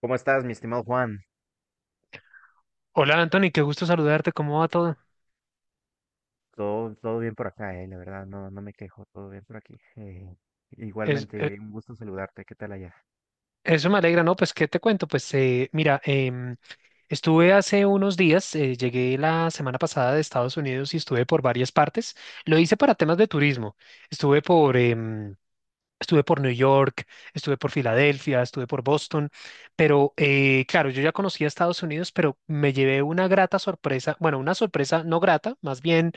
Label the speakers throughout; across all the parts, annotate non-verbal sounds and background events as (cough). Speaker 1: ¿Cómo estás, mi estimado Juan?
Speaker 2: Hola Anthony, qué gusto saludarte, ¿cómo va todo?
Speaker 1: Todo bien por acá, la verdad, no, no me quejo, todo bien por aquí.
Speaker 2: Es- eh,
Speaker 1: Igualmente, un gusto saludarte, ¿qué tal allá?
Speaker 2: Eso me alegra, ¿no? Pues, ¿qué te cuento? Pues, mira, estuve hace unos días, llegué la semana pasada de Estados Unidos y estuve por varias partes. Lo hice para temas de turismo. Estuve por, estuve por New York, estuve por Filadelfia, estuve por Boston, pero claro, yo ya conocía Estados Unidos, pero me llevé una grata sorpresa, bueno, una sorpresa no grata, más bien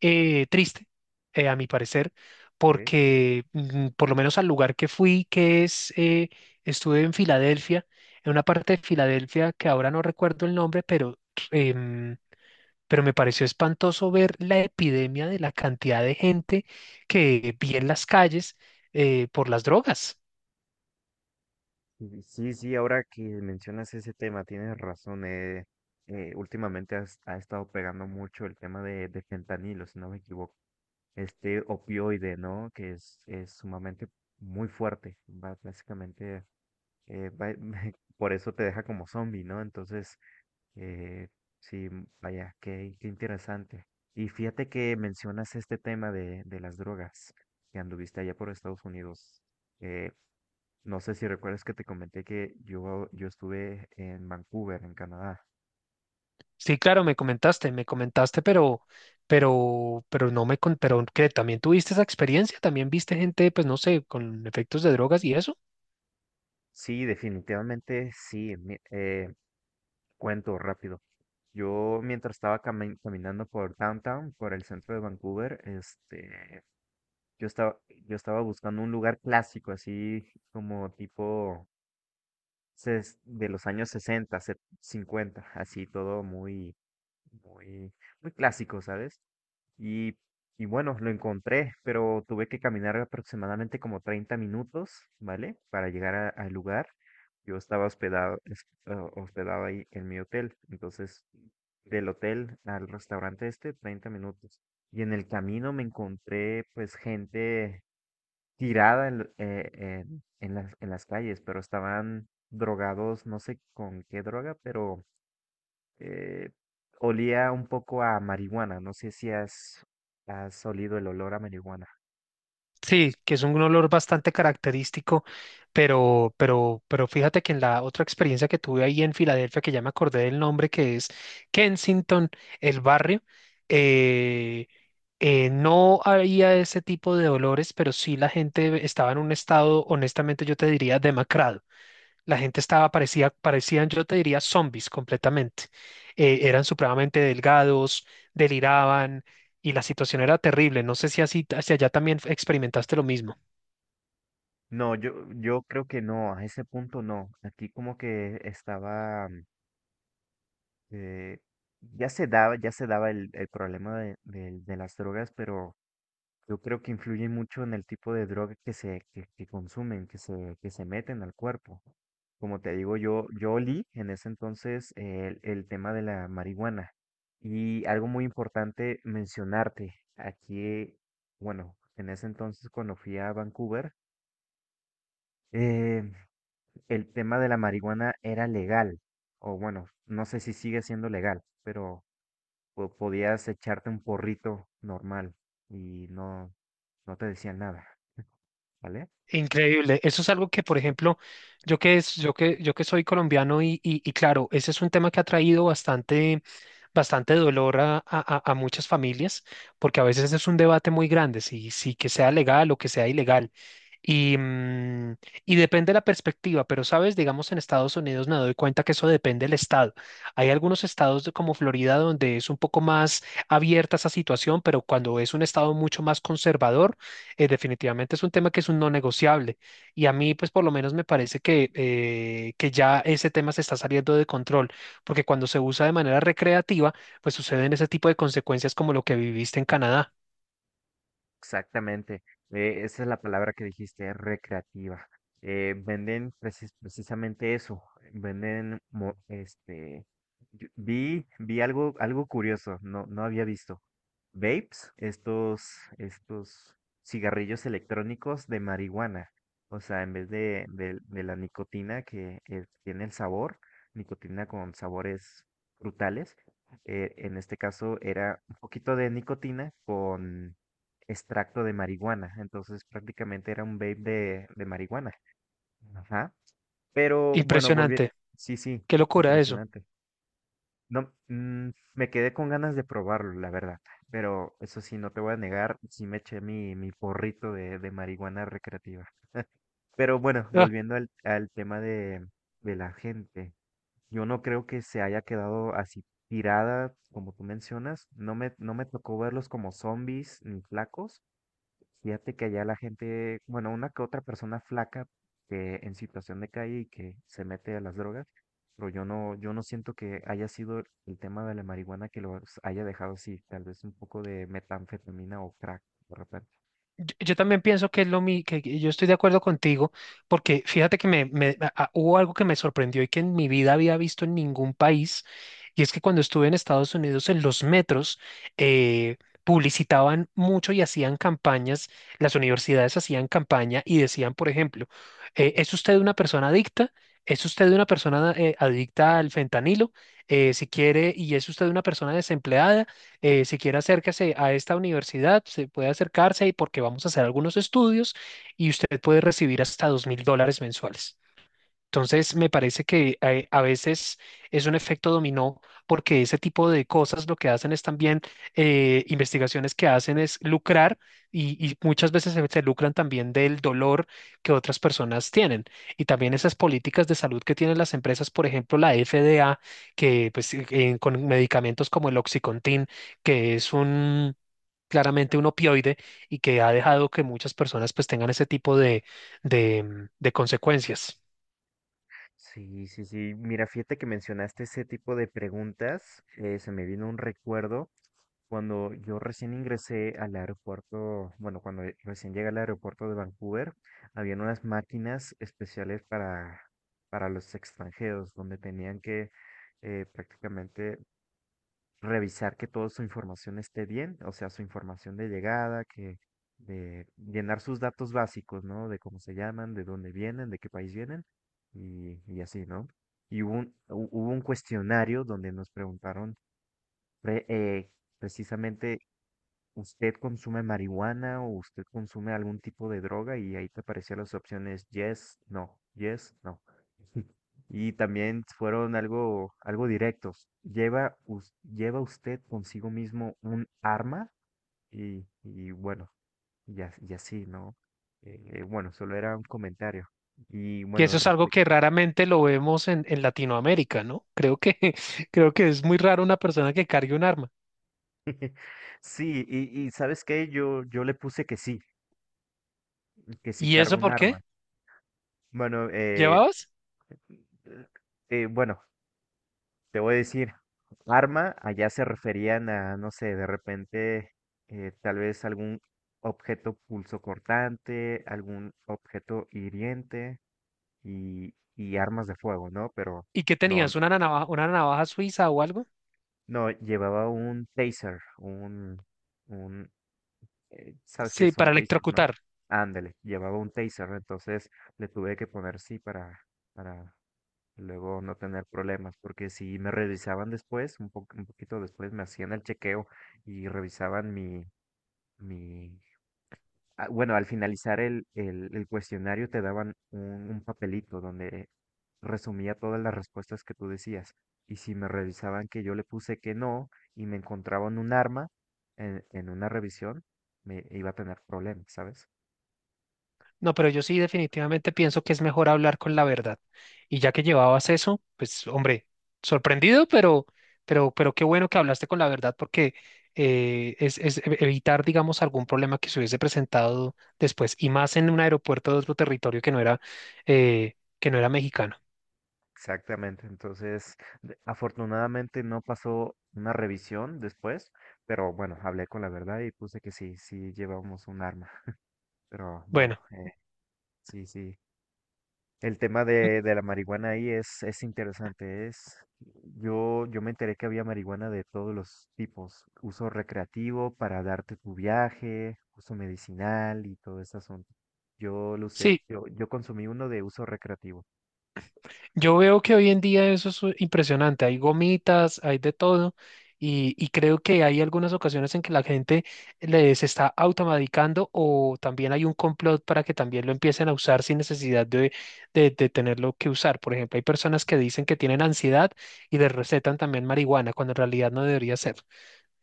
Speaker 2: triste, a mi parecer,
Speaker 1: ¿Eh?
Speaker 2: porque por lo menos al lugar que fui, que es, estuve en Filadelfia, en una parte de Filadelfia que ahora no recuerdo el nombre, pero em, pero me pareció espantoso ver la epidemia de la cantidad de gente que vi en las calles por las drogas.
Speaker 1: Sí, sí, sí, ahora que mencionas ese tema, tienes razón, últimamente ha estado pegando mucho el tema de fentanilo, si no me equivoco. Este opioide, ¿no? Que es sumamente muy fuerte, va básicamente eh, va- (laughs) por eso te deja como zombie, ¿no? Entonces, Eh, sí, vaya, qué interesante. Y fíjate que mencionas este tema de las drogas, que anduviste allá por Estados Unidos. Eh, no sé si recuerdas que te comenté que yo estuve en Vancouver, en Canadá.
Speaker 2: Sí, claro, me comentaste, pero no me, pero que también tuviste esa experiencia, también viste gente, pues no sé, con efectos de drogas y eso.
Speaker 1: Sí, definitivamente sí. mi- cuento rápido. Yo mientras estaba caminando por downtown, por el centro de Vancouver, este, yo estaba, yo estaba buscando un lugar clásico, así como tipo de los años 60, 50, así todo muy, muy, muy clásico, ¿sabes? Y, y bueno, lo encontré, pero tuve que caminar aproximadamente como 30 minutos, ¿vale? Para llegar al lugar. Yo estaba hospedado, hospedado ahí en mi hotel, entonces del hotel al restaurante este, 30 minutos. Y en el camino me encontré pues gente tirada en las calles, pero estaban drogados, no sé con qué droga, pero eh, olía un poco a marihuana. No sé si has olido el olor a marihuana.
Speaker 2: Sí, que es un olor bastante característico, pero fíjate que en la otra experiencia que tuve ahí en Filadelfia, que ya me acordé del nombre, que es Kensington, el barrio, eh, no había ese tipo de olores, pero sí la gente estaba en un estado, honestamente yo te diría, demacrado. La gente estaba, parecía, parecían, yo te diría, zombies completamente. Eran supremamente delgados, deliraban y la situación era terrible. No sé si así, hacia allá también experimentaste lo mismo.
Speaker 1: No, yo creo que no, a ese punto no. Aquí como que estaba, eh, ya se daba el problema de las drogas, pero yo creo que influye mucho en el tipo de droga que consumen, que se meten al cuerpo. Como te digo, yo olí en ese entonces el tema de la marihuana. Y algo muy importante mencionarte, aquí, bueno, en ese entonces cuando fui a Vancouver, eh, el tema de la marihuana era legal, o bueno, no sé si sigue siendo legal, pero podías echarte un porrito normal y no, no te decían nada. ¿Vale?
Speaker 2: Increíble. Eso es algo que, por ejemplo, yo que, es, yo que soy colombiano y claro, ese es un tema que ha traído bastante dolor a muchas familias, porque a veces es un debate muy grande, si que sea legal o que sea ilegal. Y, mm, y depende de la perspectiva, pero sabes, digamos en Estados Unidos me doy cuenta que eso depende del estado. Hay algunos como Florida donde es un poco más abierta esa situación, pero cuando es un estado mucho más conservador, definitivamente es un tema que es un no negociable. Y a mí, pues por lo menos me parece que ya ese tema se está saliendo de control porque cuando se usa de manera recreativa, pues suceden ese tipo de consecuencias como lo que viviste en Canadá.
Speaker 1: Exactamente. Esa es la palabra que dijiste, recreativa. Venden precisamente eso. Venden, este, vi algo, curioso, no, no había visto. Vapes, estos cigarrillos electrónicos de marihuana. O sea, en vez de la nicotina que tiene el sabor, nicotina con sabores frutales, en este caso era un poquito de nicotina con extracto de marihuana. Entonces prácticamente era un vape de marihuana. Ajá. Pero bueno, volví.
Speaker 2: Impresionante.
Speaker 1: Sí, sí,
Speaker 2: Qué locura eso.
Speaker 1: impresionante. No, me quedé con ganas de probarlo, la verdad. Pero eso sí, no te voy a negar, sí me eché mi porrito de marihuana recreativa. Pero bueno,
Speaker 2: (laughs)
Speaker 1: volviendo al tema de la gente, yo no creo que se haya quedado así tirada, como tú mencionas. No me tocó verlos como zombies ni flacos. Fíjate que allá la gente, bueno, una que otra persona flaca que en situación de calle y que se mete a las drogas, pero yo no siento que haya sido el tema de la marihuana que los haya dejado así, tal vez un poco de metanfetamina o crack, de repente.
Speaker 2: Yo también pienso que es lo mi, que yo estoy de acuerdo contigo, porque fíjate que hubo algo que me sorprendió y que en mi vida había visto en ningún país, y es que cuando estuve en Estados Unidos en los metros, eh, publicitaban mucho y hacían campañas, las universidades hacían campaña y decían, por ejemplo, ¿es usted una persona adicta? ¿Es usted una persona adicta al fentanilo? Si quiere, ¿y es usted una persona desempleada? Si quiere acérquese a esta universidad, se puede acercarse y porque vamos a hacer algunos estudios y usted puede recibir hasta 2000 dólares mensuales. Entonces, me parece que a veces es un efecto dominó porque ese tipo de cosas lo que hacen es también investigaciones que hacen es lucrar y muchas veces se lucran también del dolor que otras personas tienen. Y también esas políticas de salud que tienen las empresas, por ejemplo, la FDA, que pues, con medicamentos como el Oxycontin, que es un claramente un opioide y que ha dejado que muchas personas pues tengan ese tipo de consecuencias.
Speaker 1: Sí, sí, sí. Mira, fíjate que mencionaste ese tipo de preguntas. Se me vino un recuerdo cuando yo recién ingresé al aeropuerto, bueno, cuando recién llegué al aeropuerto de Vancouver. Habían unas máquinas especiales para, los extranjeros, donde tenían que prácticamente revisar que toda su información esté bien, o sea, su información de llegada, que de llenar sus datos básicos, ¿no? De cómo se llaman, de dónde vienen, de qué país vienen y así, ¿no? Y hubo un cuestionario donde nos preguntaron pre- eh, precisamente, ¿usted consume marihuana o usted consume algún tipo de droga? Y ahí te aparecían las opciones yes, no, yes, no. Y también fueron algo directos. Lleva usted consigo mismo un arma y bueno, y así, ¿no? Bueno, solo era un comentario. Y
Speaker 2: Que
Speaker 1: bueno,
Speaker 2: eso es algo
Speaker 1: respecto.
Speaker 2: que raramente lo vemos en Latinoamérica, ¿no? Creo que, (laughs) creo que es muy raro una persona que cargue un arma.
Speaker 1: (laughs) Sí, y ¿sabes qué? Yo le puse que sí
Speaker 2: ¿Y
Speaker 1: cargo
Speaker 2: eso
Speaker 1: un
Speaker 2: por qué?
Speaker 1: arma. Bueno,
Speaker 2: ¿Llevabas?
Speaker 1: eh, bueno, te voy a decir, arma, allá se referían a, no sé, de repente, tal vez algún objeto pulso cortante, algún objeto hiriente y armas de fuego, ¿no? Pero
Speaker 2: ¿Y qué
Speaker 1: no,
Speaker 2: tenías? Una navaja suiza o algo?
Speaker 1: no, llevaba un taser, un, sabes qué
Speaker 2: Sí,
Speaker 1: son
Speaker 2: para
Speaker 1: tasers, no?
Speaker 2: electrocutar.
Speaker 1: Ándale, llevaba un taser, entonces le tuve que poner sí para, luego no tener problemas, porque si me revisaban después, un poquito después me hacían el chequeo y revisaban mi, ah, bueno, al finalizar el cuestionario te daban un papelito donde resumía todas las respuestas que tú decías. Y si me revisaban que yo le puse que no y me encontraban un arma en una revisión, me iba a tener problemas, ¿sabes?
Speaker 2: No, pero yo sí definitivamente pienso que es mejor hablar con la verdad. Y ya que llevabas eso, pues hombre, sorprendido, pero, pero qué bueno que hablaste con la verdad porque evitar, digamos, algún problema que se hubiese presentado después y más en un aeropuerto de otro territorio que no era mexicano.
Speaker 1: Exactamente, entonces afortunadamente no pasó una revisión después, pero bueno, hablé con la verdad y puse que sí, sí llevamos un arma, pero
Speaker 2: Bueno,
Speaker 1: bueno, sí, sí. El tema de la marihuana ahí es interesante, yo me enteré que había marihuana de todos los tipos, uso recreativo para darte tu viaje, uso medicinal y todo ese asunto. Yo lo usé,
Speaker 2: sí,
Speaker 1: yo consumí uno de uso recreativo.
Speaker 2: yo veo que hoy en día eso es impresionante. Hay gomitas, hay de todo, y creo que hay algunas ocasiones en que la gente se está automedicando o también hay un complot para que también lo empiecen a usar sin necesidad de tenerlo que usar. Por ejemplo, hay personas que dicen que tienen ansiedad y les recetan también marihuana, cuando en realidad no debería ser.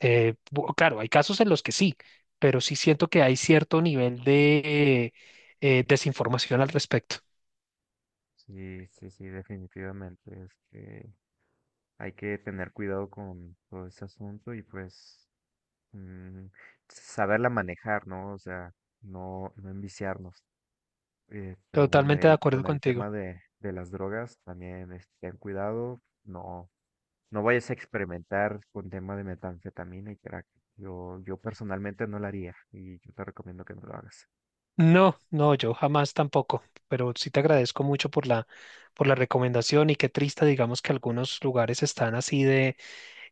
Speaker 2: Claro, hay casos en los que sí, pero sí siento que hay cierto nivel de desinformación al respecto.
Speaker 1: Sí, sí, sí, definitivamente. Este, hay que tener cuidado con todo ese asunto y pues mm, saberla manejar, ¿no? O sea, no, no enviciarnos. Pero bueno,
Speaker 2: Totalmente de acuerdo
Speaker 1: con el
Speaker 2: contigo.
Speaker 1: tema de las drogas, también ten cuidado, no, no vayas a experimentar con tema de metanfetamina y crack. Yo personalmente no lo haría y yo te recomiendo que no lo hagas.
Speaker 2: No, no, yo jamás tampoco, pero sí te agradezco mucho por la recomendación y qué triste, digamos que algunos lugares están así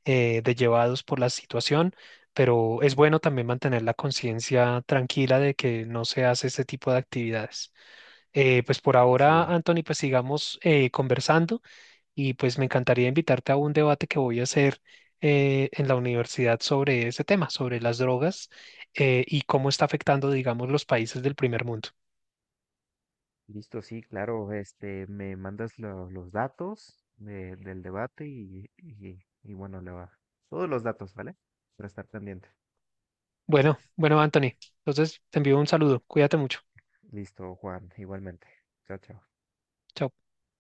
Speaker 2: de llevados por la situación, pero es bueno también mantener la conciencia tranquila de que no se hace este tipo de actividades. Pues por ahora,
Speaker 1: Sí,
Speaker 2: Anthony, pues sigamos conversando y pues me encantaría invitarte a un debate que voy a hacer en la universidad sobre ese tema, sobre las drogas y cómo está afectando, digamos, los países del primer mundo.
Speaker 1: listo, sí, claro. Este, me mandas los datos del debate y bueno, le va. Todos los datos, ¿vale? Para estar pendiente.
Speaker 2: Bueno, bueno, Anthony. Entonces te envío un saludo. Cuídate mucho.
Speaker 1: Listo, Juan, igualmente. Chao, chao.
Speaker 2: Chao.